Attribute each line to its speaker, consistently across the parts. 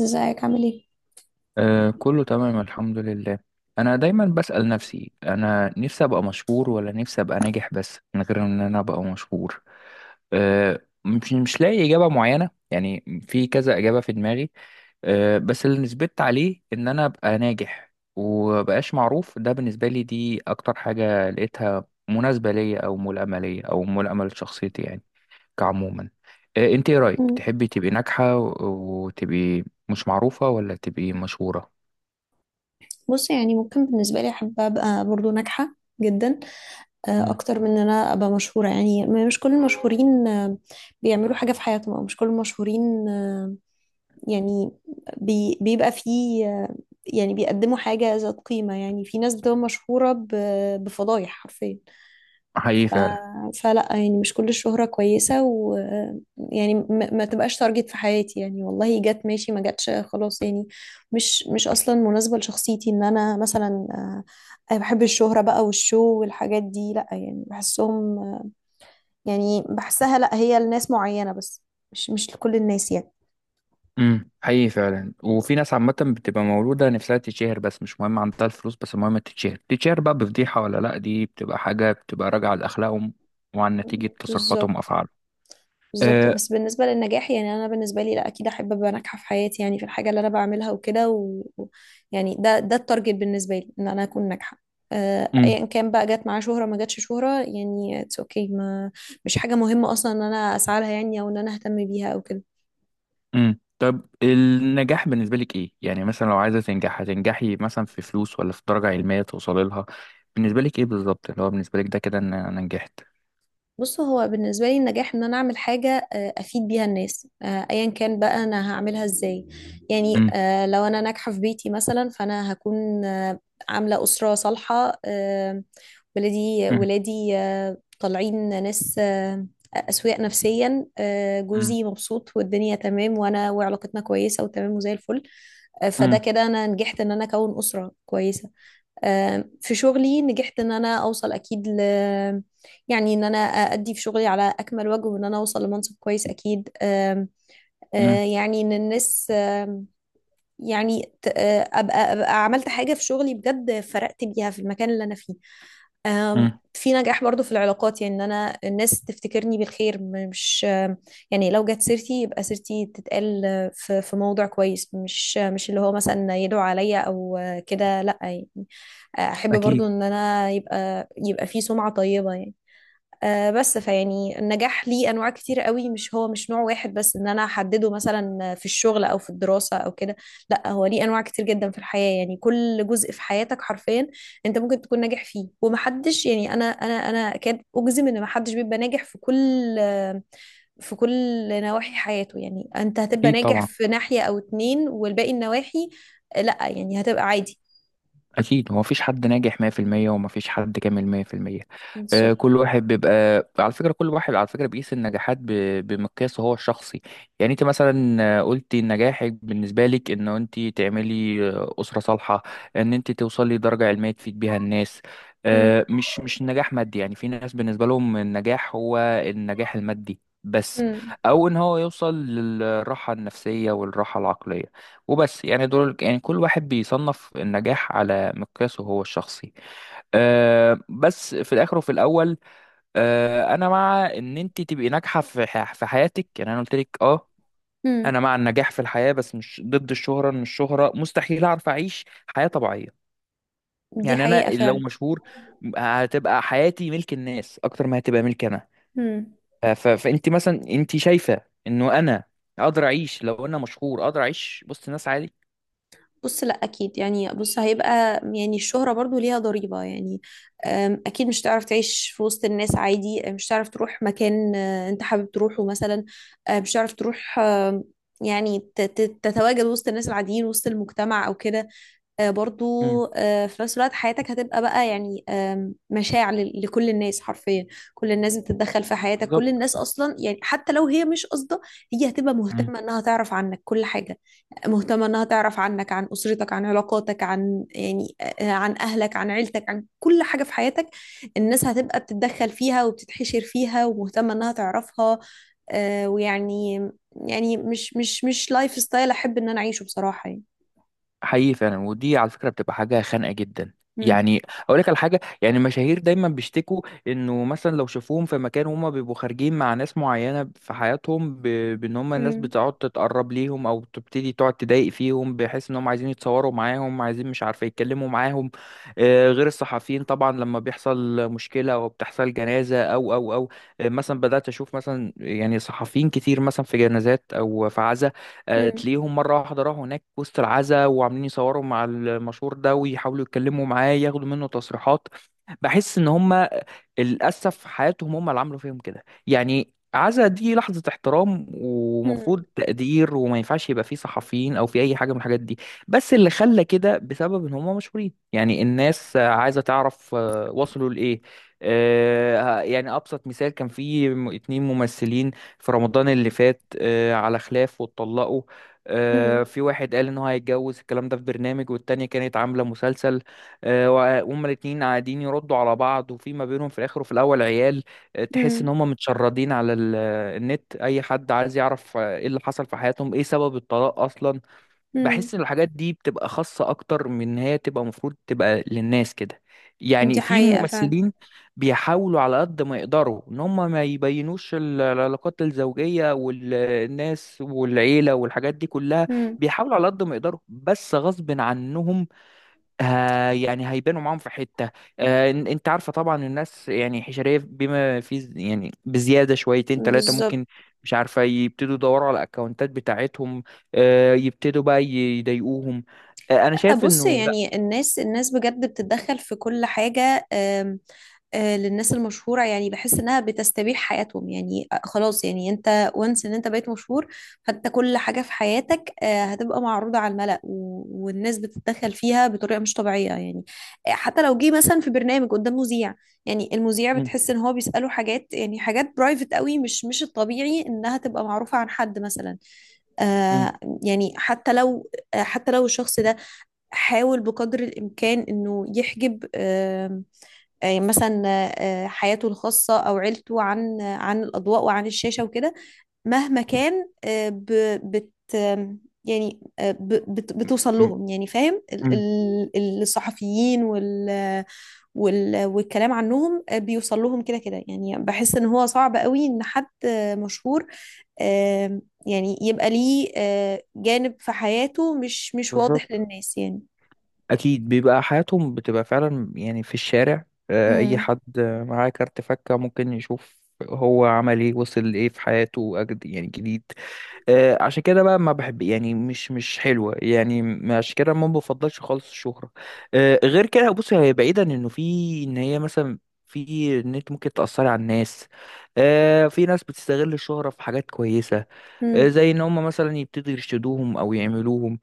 Speaker 1: ازيك؟ عامل ايه؟
Speaker 2: آه كله تمام الحمد لله. انا دايما بسأل نفسي، انا نفسي ابقى مشهور ولا نفسي ابقى ناجح، بس من غير ان انا ابقى مشهور. مش لاقي اجابة معينة، يعني في كذا اجابة في دماغي. بس اللي نثبت عليه ان انا ابقى ناجح ومبقاش معروف، ده بالنسبة لي دي اكتر حاجة لقيتها مناسبة ليا او ملائمة ليا او ملائمة لشخصيتي، يعني كعموما. انت ايه رأيك،
Speaker 1: مم.
Speaker 2: تحبي تبقي ناجحة وتبقي مش معروفة ولا تبقي مشهورة؟
Speaker 1: بص، يعني ممكن بالنسبة لي أحب أبقى برضو ناجحة جدا
Speaker 2: مم.
Speaker 1: اكتر من ان انا ابقى مشهوره. يعني مش كل المشهورين بيعملوا حاجه في حياتهم، او مش كل المشهورين يعني بيبقى فيه يعني بيقدموا حاجه ذات قيمه. يعني في ناس بتبقى مشهوره بفضايح حرفيا. ف
Speaker 2: حقيقي فعلا.
Speaker 1: فلا، يعني مش كل الشهره كويسه، ويعني ما تبقاش تارجت في حياتي، يعني والله جت ماشي، ما جاتش خلاص، يعني مش اصلا مناسبه لشخصيتي ان انا مثلا، أنا بحب الشهرة بقى والشو والحاجات دي، لأ. يعني بحسهم، يعني بحسها، لا، هي لناس معينة بس، مش لكل الناس يعني.
Speaker 2: حقيقي فعلا، وفي ناس عامة بتبقى مولودة نفسها تتشهر، بس مش مهم عندها الفلوس، بس المهم تتشهر تتشهر بقى بفضيحة ولا لأ، دي بتبقى حاجة بتبقى راجعة لأخلاقهم وعن نتيجة تصرفاتهم
Speaker 1: بالظبط،
Speaker 2: وأفعالهم.
Speaker 1: بالظبط.
Speaker 2: أه.
Speaker 1: بس بالنسبة للنجاح، يعني أنا بالنسبة لي، لا، أكيد أحب أبقى ناجحة في حياتي، يعني في الحاجة اللي أنا بعملها وكده، يعني ده التارجت بالنسبة لي، إن أنا أكون ناجحة.
Speaker 2: امم.
Speaker 1: أيا كان بقى جت معاه شهرة ما جاتش شهرة، يعني اتس اوكي. ما مش حاجة مهمة أصلا إن أنا أسعى لها، يعني، أو إن أنا أهتم بيها أو كده.
Speaker 2: طب النجاح بالنسبة لك إيه؟ يعني مثلا لو عايزة تنجح هتنجحي مثلا في فلوس ولا في درجة علمية توصلي لها؟ بالنسبة لك إيه بالظبط، اللي هو بالنسبة لك ده كده إن أنا نجحت؟
Speaker 1: بص، هو بالنسبة لي النجاح ان انا اعمل حاجة افيد بيها الناس، ايا كان بقى انا هعملها ازاي. يعني
Speaker 2: امم.
Speaker 1: لو انا ناجحة في بيتي مثلا فانا هكون عاملة أسرة صالحة،
Speaker 2: امم.
Speaker 1: ولادي طالعين ناس، أسوياء نفسيا،
Speaker 2: امم.
Speaker 1: جوزي مبسوط والدنيا تمام، وانا وعلاقتنا كويسة وتمام وزي الفل. فده كده انا نجحت ان انا اكون أسرة كويسة. في شغلي نجحت ان انا اوصل اكيد، ل... يعني ان انا ادي في شغلي على اكمل وجه، وان انا اوصل لمنصب كويس اكيد. آم،
Speaker 2: امم.
Speaker 1: آه، يعني ان الناس، يعني ابقى عملت حاجة في شغلي بجد، فرقت بيها في المكان اللي انا فيه.
Speaker 2: امم.
Speaker 1: في نجاح برضو في العلاقات، يعني ان انا الناس تفتكرني بالخير، مش، يعني لو جت سيرتي يبقى سيرتي تتقال في موضع كويس، مش مش اللي هو مثلا يدعو عليا او كده، لا يعني. احب برضو
Speaker 2: أكيد.
Speaker 1: ان انا يبقى في سمعة طيبة يعني. بس فيعني النجاح ليه انواع كتير قوي، مش نوع واحد بس ان انا احدده مثلا في الشغل او في الدراسة او كده. لا، هو ليه انواع كتير جدا في الحياة. يعني كل جزء في حياتك حرفيا انت ممكن تكون ناجح فيه. ومحدش، يعني انا اكاد اجزم ان محدش بيبقى ناجح في كل، في كل نواحي حياته. يعني انت هتبقى
Speaker 2: أكيد
Speaker 1: ناجح
Speaker 2: طبعا.
Speaker 1: في ناحية او اتنين، والباقي النواحي لا، يعني هتبقى عادي.
Speaker 2: أكيد هو مفيش حد ناجح 100%، ومفيش حد كامل 100%.
Speaker 1: بالظبط.
Speaker 2: كل واحد بيبقى، على فكرة كل واحد على فكرة بيقيس النجاحات بمقياسه هو الشخصي. يعني أنت مثلا قلتي إن نجاحك بالنسبة لك إن أنت تعملي أسرة صالحة، إن أنت توصلي لدرجة علمية تفيد بيها الناس.
Speaker 1: امم.
Speaker 2: مش النجاح مادي، يعني في ناس بالنسبة لهم النجاح هو النجاح المادي بس،
Speaker 1: امم.
Speaker 2: أو إن هو يوصل للراحة النفسية والراحة العقلية وبس، يعني دول يعني كل واحد بيصنف النجاح على مقياسه هو الشخصي. بس في الاخر وفي الاول انا مع ان انت تبقي ناجحه في في حياتك، يعني انا قلت لك
Speaker 1: امم.
Speaker 2: انا مع النجاح في الحياه، بس مش ضد الشهره، ان الشهره مستحيل اعرف اعيش حياه طبيعيه.
Speaker 1: دي
Speaker 2: يعني انا
Speaker 1: حقيقة
Speaker 2: لو
Speaker 1: فعلا.
Speaker 2: مشهور هتبقى حياتي ملك الناس اكتر ما هتبقى ملك انا.
Speaker 1: امم.
Speaker 2: فانت مثلا انت شايفه انه انا اقدر اعيش، لو انا مشهور اقدر اعيش وسط ناس عادي؟
Speaker 1: بص، لا، اكيد. يعني بص، هيبقى يعني الشهرة برضو ليها ضريبة يعني. اكيد مش هتعرف تعيش في وسط الناس عادي، مش هتعرف تروح مكان انت حابب تروحه مثلا. مش هتعرف تروح، يعني تتواجد وسط الناس العاديين وسط المجتمع او كده. برضو
Speaker 2: مم.
Speaker 1: في نفس الوقت حياتك هتبقى بقى، يعني مشاع لكل الناس حرفيا. كل الناس بتتدخل في حياتك، كل
Speaker 2: بالظبط.
Speaker 1: الناس اصلا. يعني حتى لو هي مش قصده، هي هتبقى مهتمه انها تعرف عنك كل حاجه، مهتمه انها تعرف عنك، عن اسرتك، عن علاقاتك، عن يعني عن اهلك، عن عيلتك، عن كل حاجه في حياتك. الناس هتبقى بتتدخل فيها وبتتحشر فيها ومهتمه انها تعرفها. آه، ويعني يعني مش لايف ستايل احب ان انا اعيشه بصراحه يعني.
Speaker 2: حقيقي فعلا، ودي على فكره بتبقى حاجه خانقه جدا، يعني اقول لك على حاجه، يعني المشاهير دايما بيشتكوا انه مثلا لو شافوهم في مكان هما بيبقوا خارجين مع ناس معينه في حياتهم بان هما الناس
Speaker 1: امم.
Speaker 2: بتقعد تتقرب ليهم او تبتدي تقعد تضايق فيهم، بحيث ان هم عايزين يتصوروا معاهم، عايزين مش عارفه يتكلموا معاهم. غير الصحفيين طبعا لما بيحصل مشكله او بتحصل جنازه او او او آه، مثلا بدات اشوف مثلا، يعني صحفيين كتير مثلا في جنازات او في عزايم.
Speaker 1: مم.
Speaker 2: تلاقيهم مرة واحدة راحوا هناك وسط العزا وعاملين يصوروا مع المشهور ده ويحاولوا يتكلموا معاه ياخدوا منه تصريحات. بحس ان هم للأسف حياتهم هم اللي عملوا فيهم كده، يعني عزا دي لحظة احترام ومفروض
Speaker 1: مم.
Speaker 2: تقدير وما ينفعش يبقى فيه صحفيين أو في أي حاجة من الحاجات دي. بس اللي خلى كده بسبب إن هم مشهورين، يعني الناس عايزة تعرف وصلوا لإيه. يعني أبسط مثال، كان في اتنين ممثلين في رمضان اللي فات على خلاف واتطلقوا.
Speaker 1: مم.
Speaker 2: في واحد قال إن هو هيتجوز الكلام ده في برنامج، والتانية كانت عاملة مسلسل. وهما الاتنين قاعدين يردوا على بعض وفي ما بينهم في الاخر وفي الاول عيال. تحس ان
Speaker 1: مم.
Speaker 2: هما متشردين على النت، اي حد عايز يعرف ايه اللي حصل في حياتهم، ايه سبب الطلاق اصلا.
Speaker 1: مم.
Speaker 2: بحس ان الحاجات دي بتبقى خاصة اكتر من إن هي تبقى، المفروض تبقى للناس كده. يعني
Speaker 1: دي
Speaker 2: في
Speaker 1: حقيقة فعلا.
Speaker 2: ممثلين بيحاولوا على قد ما يقدروا ان هم ما يبينوش العلاقات الزوجية والناس والعيلة والحاجات دي كلها.
Speaker 1: مم.
Speaker 2: بيحاولوا على قد ما يقدروا، بس غصب عنهم ها يعني هيبانوا معاهم في حتة. انت عارفة طبعا، الناس يعني حشرية بما في يعني بزيادة، شويتين ثلاثة
Speaker 1: بالظبط.
Speaker 2: ممكن مش عارفة، يبتدوا يدوروا على الاكونتات بتاعتهم. يبتدوا بقى يضايقوهم. انا شايف
Speaker 1: بص،
Speaker 2: انه لا.
Speaker 1: يعني الناس بجد بتتدخل في كل حاجة. آم، آه، للناس المشهورة، يعني بحس انها بتستبيح حياتهم يعني. خلاص، يعني انت وانس ان انت بقيت مشهور، فانت كل حاجة في حياتك هتبقى معروضة على الملأ، والناس بتتدخل فيها بطريقة مش طبيعية يعني. حتى لو جه مثلا في برنامج قدام مذيع، يعني المذيع
Speaker 2: م-
Speaker 1: بتحس ان هو بيسأله حاجات، يعني حاجات برايفت قوي، مش الطبيعي انها تبقى معروفة عن حد مثلا.
Speaker 2: م-
Speaker 1: آه يعني حتى لو الشخص ده حاول بقدر الامكان انه يحجب، مثلا، حياته الخاصة أو عيلته عن الأضواء وعن الشاشة وكده، مهما كان. ب- بت يعني بتوصل
Speaker 2: م-
Speaker 1: لهم يعني، فاهم؟ ال-
Speaker 2: م-
Speaker 1: الصحفيين والكلام عنهم بيوصل لهم كده كده، يعني بحس ان هو صعب قوي ان حد مشهور آه، يعني يبقى ليه جانب في حياته مش واضح
Speaker 2: بالظبط.
Speaker 1: للناس يعني.
Speaker 2: اكيد بيبقى حياتهم بتبقى فعلا، يعني في الشارع اي
Speaker 1: امم.
Speaker 2: حد معاه كارت فكة ممكن يشوف هو عمل ايه وصل لايه في حياته، أجد يعني جديد. عشان كده بقى ما بحب، يعني مش حلوه، يعني عشان كده ما بفضلش خالص الشهره. غير كده بص، هي بعيدا انه في ان هي مثلا في ان انت ممكن تاثري على الناس. في ناس بتستغل الشهره في حاجات كويسه.
Speaker 1: امم.
Speaker 2: زي ان هم مثلا يبتدوا يرشدوهم او يعملوهم.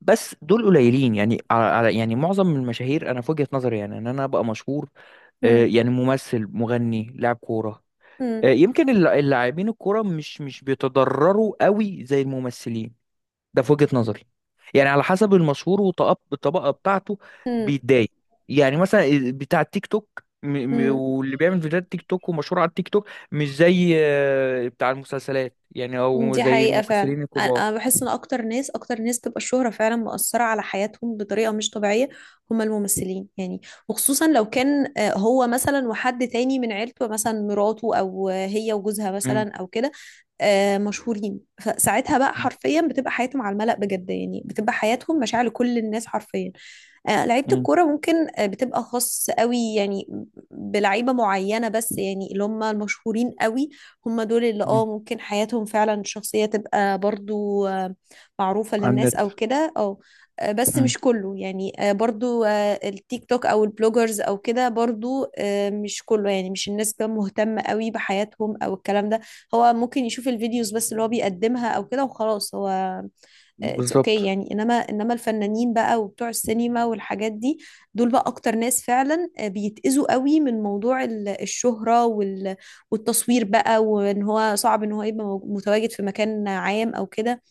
Speaker 2: بس دول قليلين، يعني يعني معظم المشاهير انا في وجهه نظري، يعني ان انا ابقى مشهور. يعني ممثل مغني لاعب كوره.
Speaker 1: امم.
Speaker 2: يمكن اللاعبين الكوره مش بيتضرروا قوي زي الممثلين، ده في وجهة نظري. يعني على حسب المشهور والطبقة بتاعته بيتضايق. يعني مثلا بتاع التيك توك
Speaker 1: امم.
Speaker 2: واللي بيعمل فيديوهات تيك توك ومشهور على التيك توك مش زي بتاع المسلسلات، يعني او
Speaker 1: دي
Speaker 2: زي
Speaker 1: حقيقة فعلا.
Speaker 2: الممثلين
Speaker 1: أنا
Speaker 2: الكبار.
Speaker 1: بحس إن أكتر ناس، أكتر ناس تبقى الشهرة فعلا مؤثرة على حياتهم بطريقة مش طبيعية، هما الممثلين يعني. وخصوصا لو كان هو مثلا وحد تاني من عيلته، مثلا مراته، أو هي وجوزها
Speaker 2: مم.
Speaker 1: مثلا أو كده، مشهورين، فساعتها بقى
Speaker 2: مم.
Speaker 1: حرفيا بتبقى حياتهم على الملأ بجد، يعني بتبقى حياتهم مشاعر لكل الناس حرفيا. لعيبة
Speaker 2: مم.
Speaker 1: الكورة ممكن بتبقى خاص قوي، يعني بلعيبة معينة بس، يعني اللي هم المشهورين قوي، هم دول اللي
Speaker 2: مم.
Speaker 1: ممكن حياتهم فعلا الشخصية تبقى برضو معروفة
Speaker 2: على
Speaker 1: للناس
Speaker 2: النت.
Speaker 1: او كده، او بس
Speaker 2: مم.
Speaker 1: مش كله يعني. برضو التيك توك او البلوجرز او كده، برضو مش كله يعني، مش الناس بقى مهتمة قوي بحياتهم او الكلام ده. هو ممكن يشوف الفيديوز بس اللي هو بيقدمها او كده وخلاص. هو اتس
Speaker 2: بالظبط.
Speaker 1: اوكي يعني. انما الفنانين بقى وبتوع السينما والحاجات دي، دول بقى اكتر ناس فعلا بيتأذوا قوي من موضوع الشهرة والتصوير بقى، وان هو صعب ان هو يبقى متواجد في مكان عام او كده.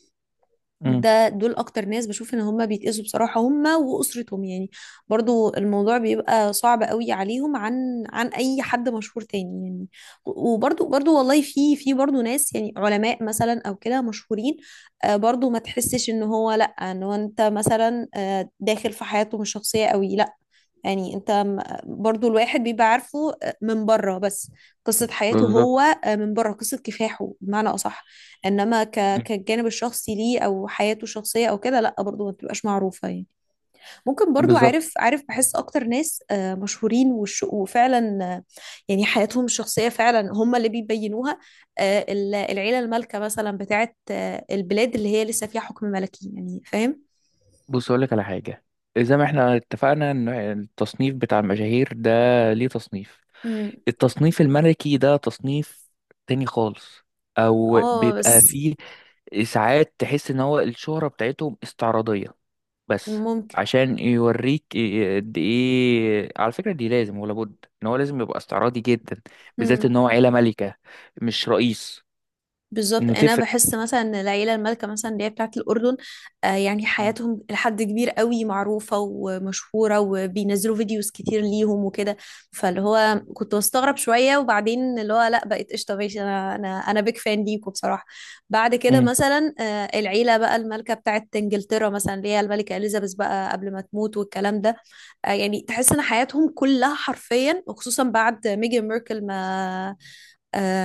Speaker 2: مم.
Speaker 1: دول اكتر ناس بشوف ان هم بيتأذوا بصراحة، هم واسرتهم يعني. برضو الموضوع بيبقى صعب قوي عليهم، عن اي حد مشهور تاني يعني. برضو والله، في برضو ناس، يعني علماء مثلا او كده مشهورين، برضو ما تحسش ان هو، لا، ان هو انت مثلا داخل في حياتهم الشخصية قوي، لا. يعني انت برضو الواحد بيبقى عارفه من بره بس، قصة حياته
Speaker 2: بالظبط.
Speaker 1: هو من بره، قصة كفاحه بمعنى أصح. إنما
Speaker 2: مم.
Speaker 1: كالجانب الشخصي ليه أو حياته الشخصية أو كده، لأ، برضو ما بتبقاش معروفة يعني. ممكن برضو
Speaker 2: بالظبط.
Speaker 1: عارف، بحس أكتر ناس مشهورين، وفعلا يعني حياتهم الشخصية فعلا هم اللي بيبينوها. العيلة المالكة مثلا بتاعت البلاد اللي هي لسه فيها حكم ملكي، يعني فاهم؟
Speaker 2: بص اقول لك على حاجه، زي ما احنا اتفقنا ان التصنيف بتاع المشاهير ده ليه تصنيف،
Speaker 1: مم.
Speaker 2: التصنيف الملكي ده تصنيف تاني خالص، او
Speaker 1: اه،
Speaker 2: بيبقى
Speaker 1: بس
Speaker 2: فيه ساعات تحس ان هو الشهرة بتاعتهم استعراضية بس.
Speaker 1: ممكن.
Speaker 2: عشان يوريك قد ايه على فكرة دي لازم ولا بد ان هو لازم يبقى استعراضي جدا، بالذات
Speaker 1: مم.
Speaker 2: ان هو عيلة ملكة مش رئيس.
Speaker 1: بالظبط.
Speaker 2: انه
Speaker 1: انا
Speaker 2: تفرق.
Speaker 1: بحس مثلا ان العيله المالكه مثلا اللي هي بتاعه الاردن، يعني حياتهم لحد كبير قوي معروفه ومشهوره، وبينزلوا فيديوز كتير ليهم وكده. فاللي هو كنت بستغرب شويه، وبعدين اللي هو لا، بقيت قشطه ماشي، انا بيك فان ليكوا بصراحه. بعد كده
Speaker 2: مم.
Speaker 1: مثلا العيله بقى المالكه بتاعه انجلترا مثلا، اللي هي الملكه اليزابيث بقى قبل ما تموت والكلام ده، يعني تحس ان حياتهم كلها حرفيا، وخصوصا بعد ميجان ميركل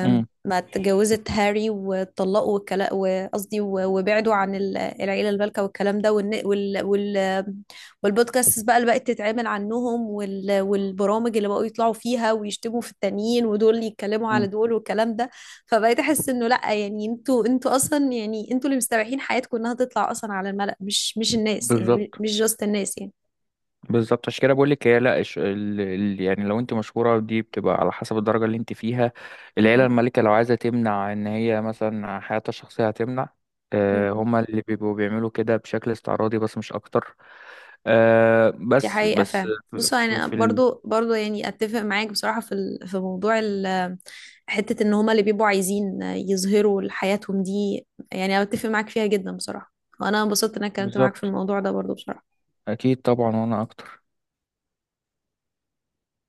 Speaker 2: مم.
Speaker 1: ما اتجوزت هاري واتطلقوا والكلام، وقصدي وبعدوا عن العيلة البالكة والكلام ده، والبودكاست بقى اللي بقت تتعمل عنهم، والبرامج اللي بقوا يطلعوا فيها ويشتموا في التانيين ودول يتكلموا على
Speaker 2: مم.
Speaker 1: دول والكلام ده. فبقيت احس انه لا، يعني انتوا اصلا، يعني انتوا اللي مستبيحين حياتكم انها تطلع اصلا على الملأ، مش الناس يعني،
Speaker 2: بالظبط.
Speaker 1: مش جاست الناس يعني.
Speaker 2: بالظبط عشان كده بقول لك، هي لا يعني لو انت مشهوره دي بتبقى على حسب الدرجه اللي انت فيها، العيله
Speaker 1: مم.
Speaker 2: المالكه لو عايزه تمنع ان هي مثلا حياتها الشخصيه هتمنع.
Speaker 1: مم.
Speaker 2: هما اللي بيبقوا بيعملوا كده بشكل استعراضي بس مش اكتر. آه،
Speaker 1: دي
Speaker 2: بس
Speaker 1: حقيقة
Speaker 2: بس
Speaker 1: فعلا.
Speaker 2: في,
Speaker 1: بصوا،
Speaker 2: في
Speaker 1: يعني
Speaker 2: في ال...
Speaker 1: برضو، يعني اتفق معاك بصراحة في موضوع حتة ان هما اللي بيبقوا عايزين يظهروا لحياتهم دي، يعني اتفق معاك فيها جدا بصراحة. وانا انبسطت ان انا اتكلمت معاك في
Speaker 2: بالظبط،
Speaker 1: الموضوع ده برضو بصراحة.
Speaker 2: اكيد طبعا وانا اكتر.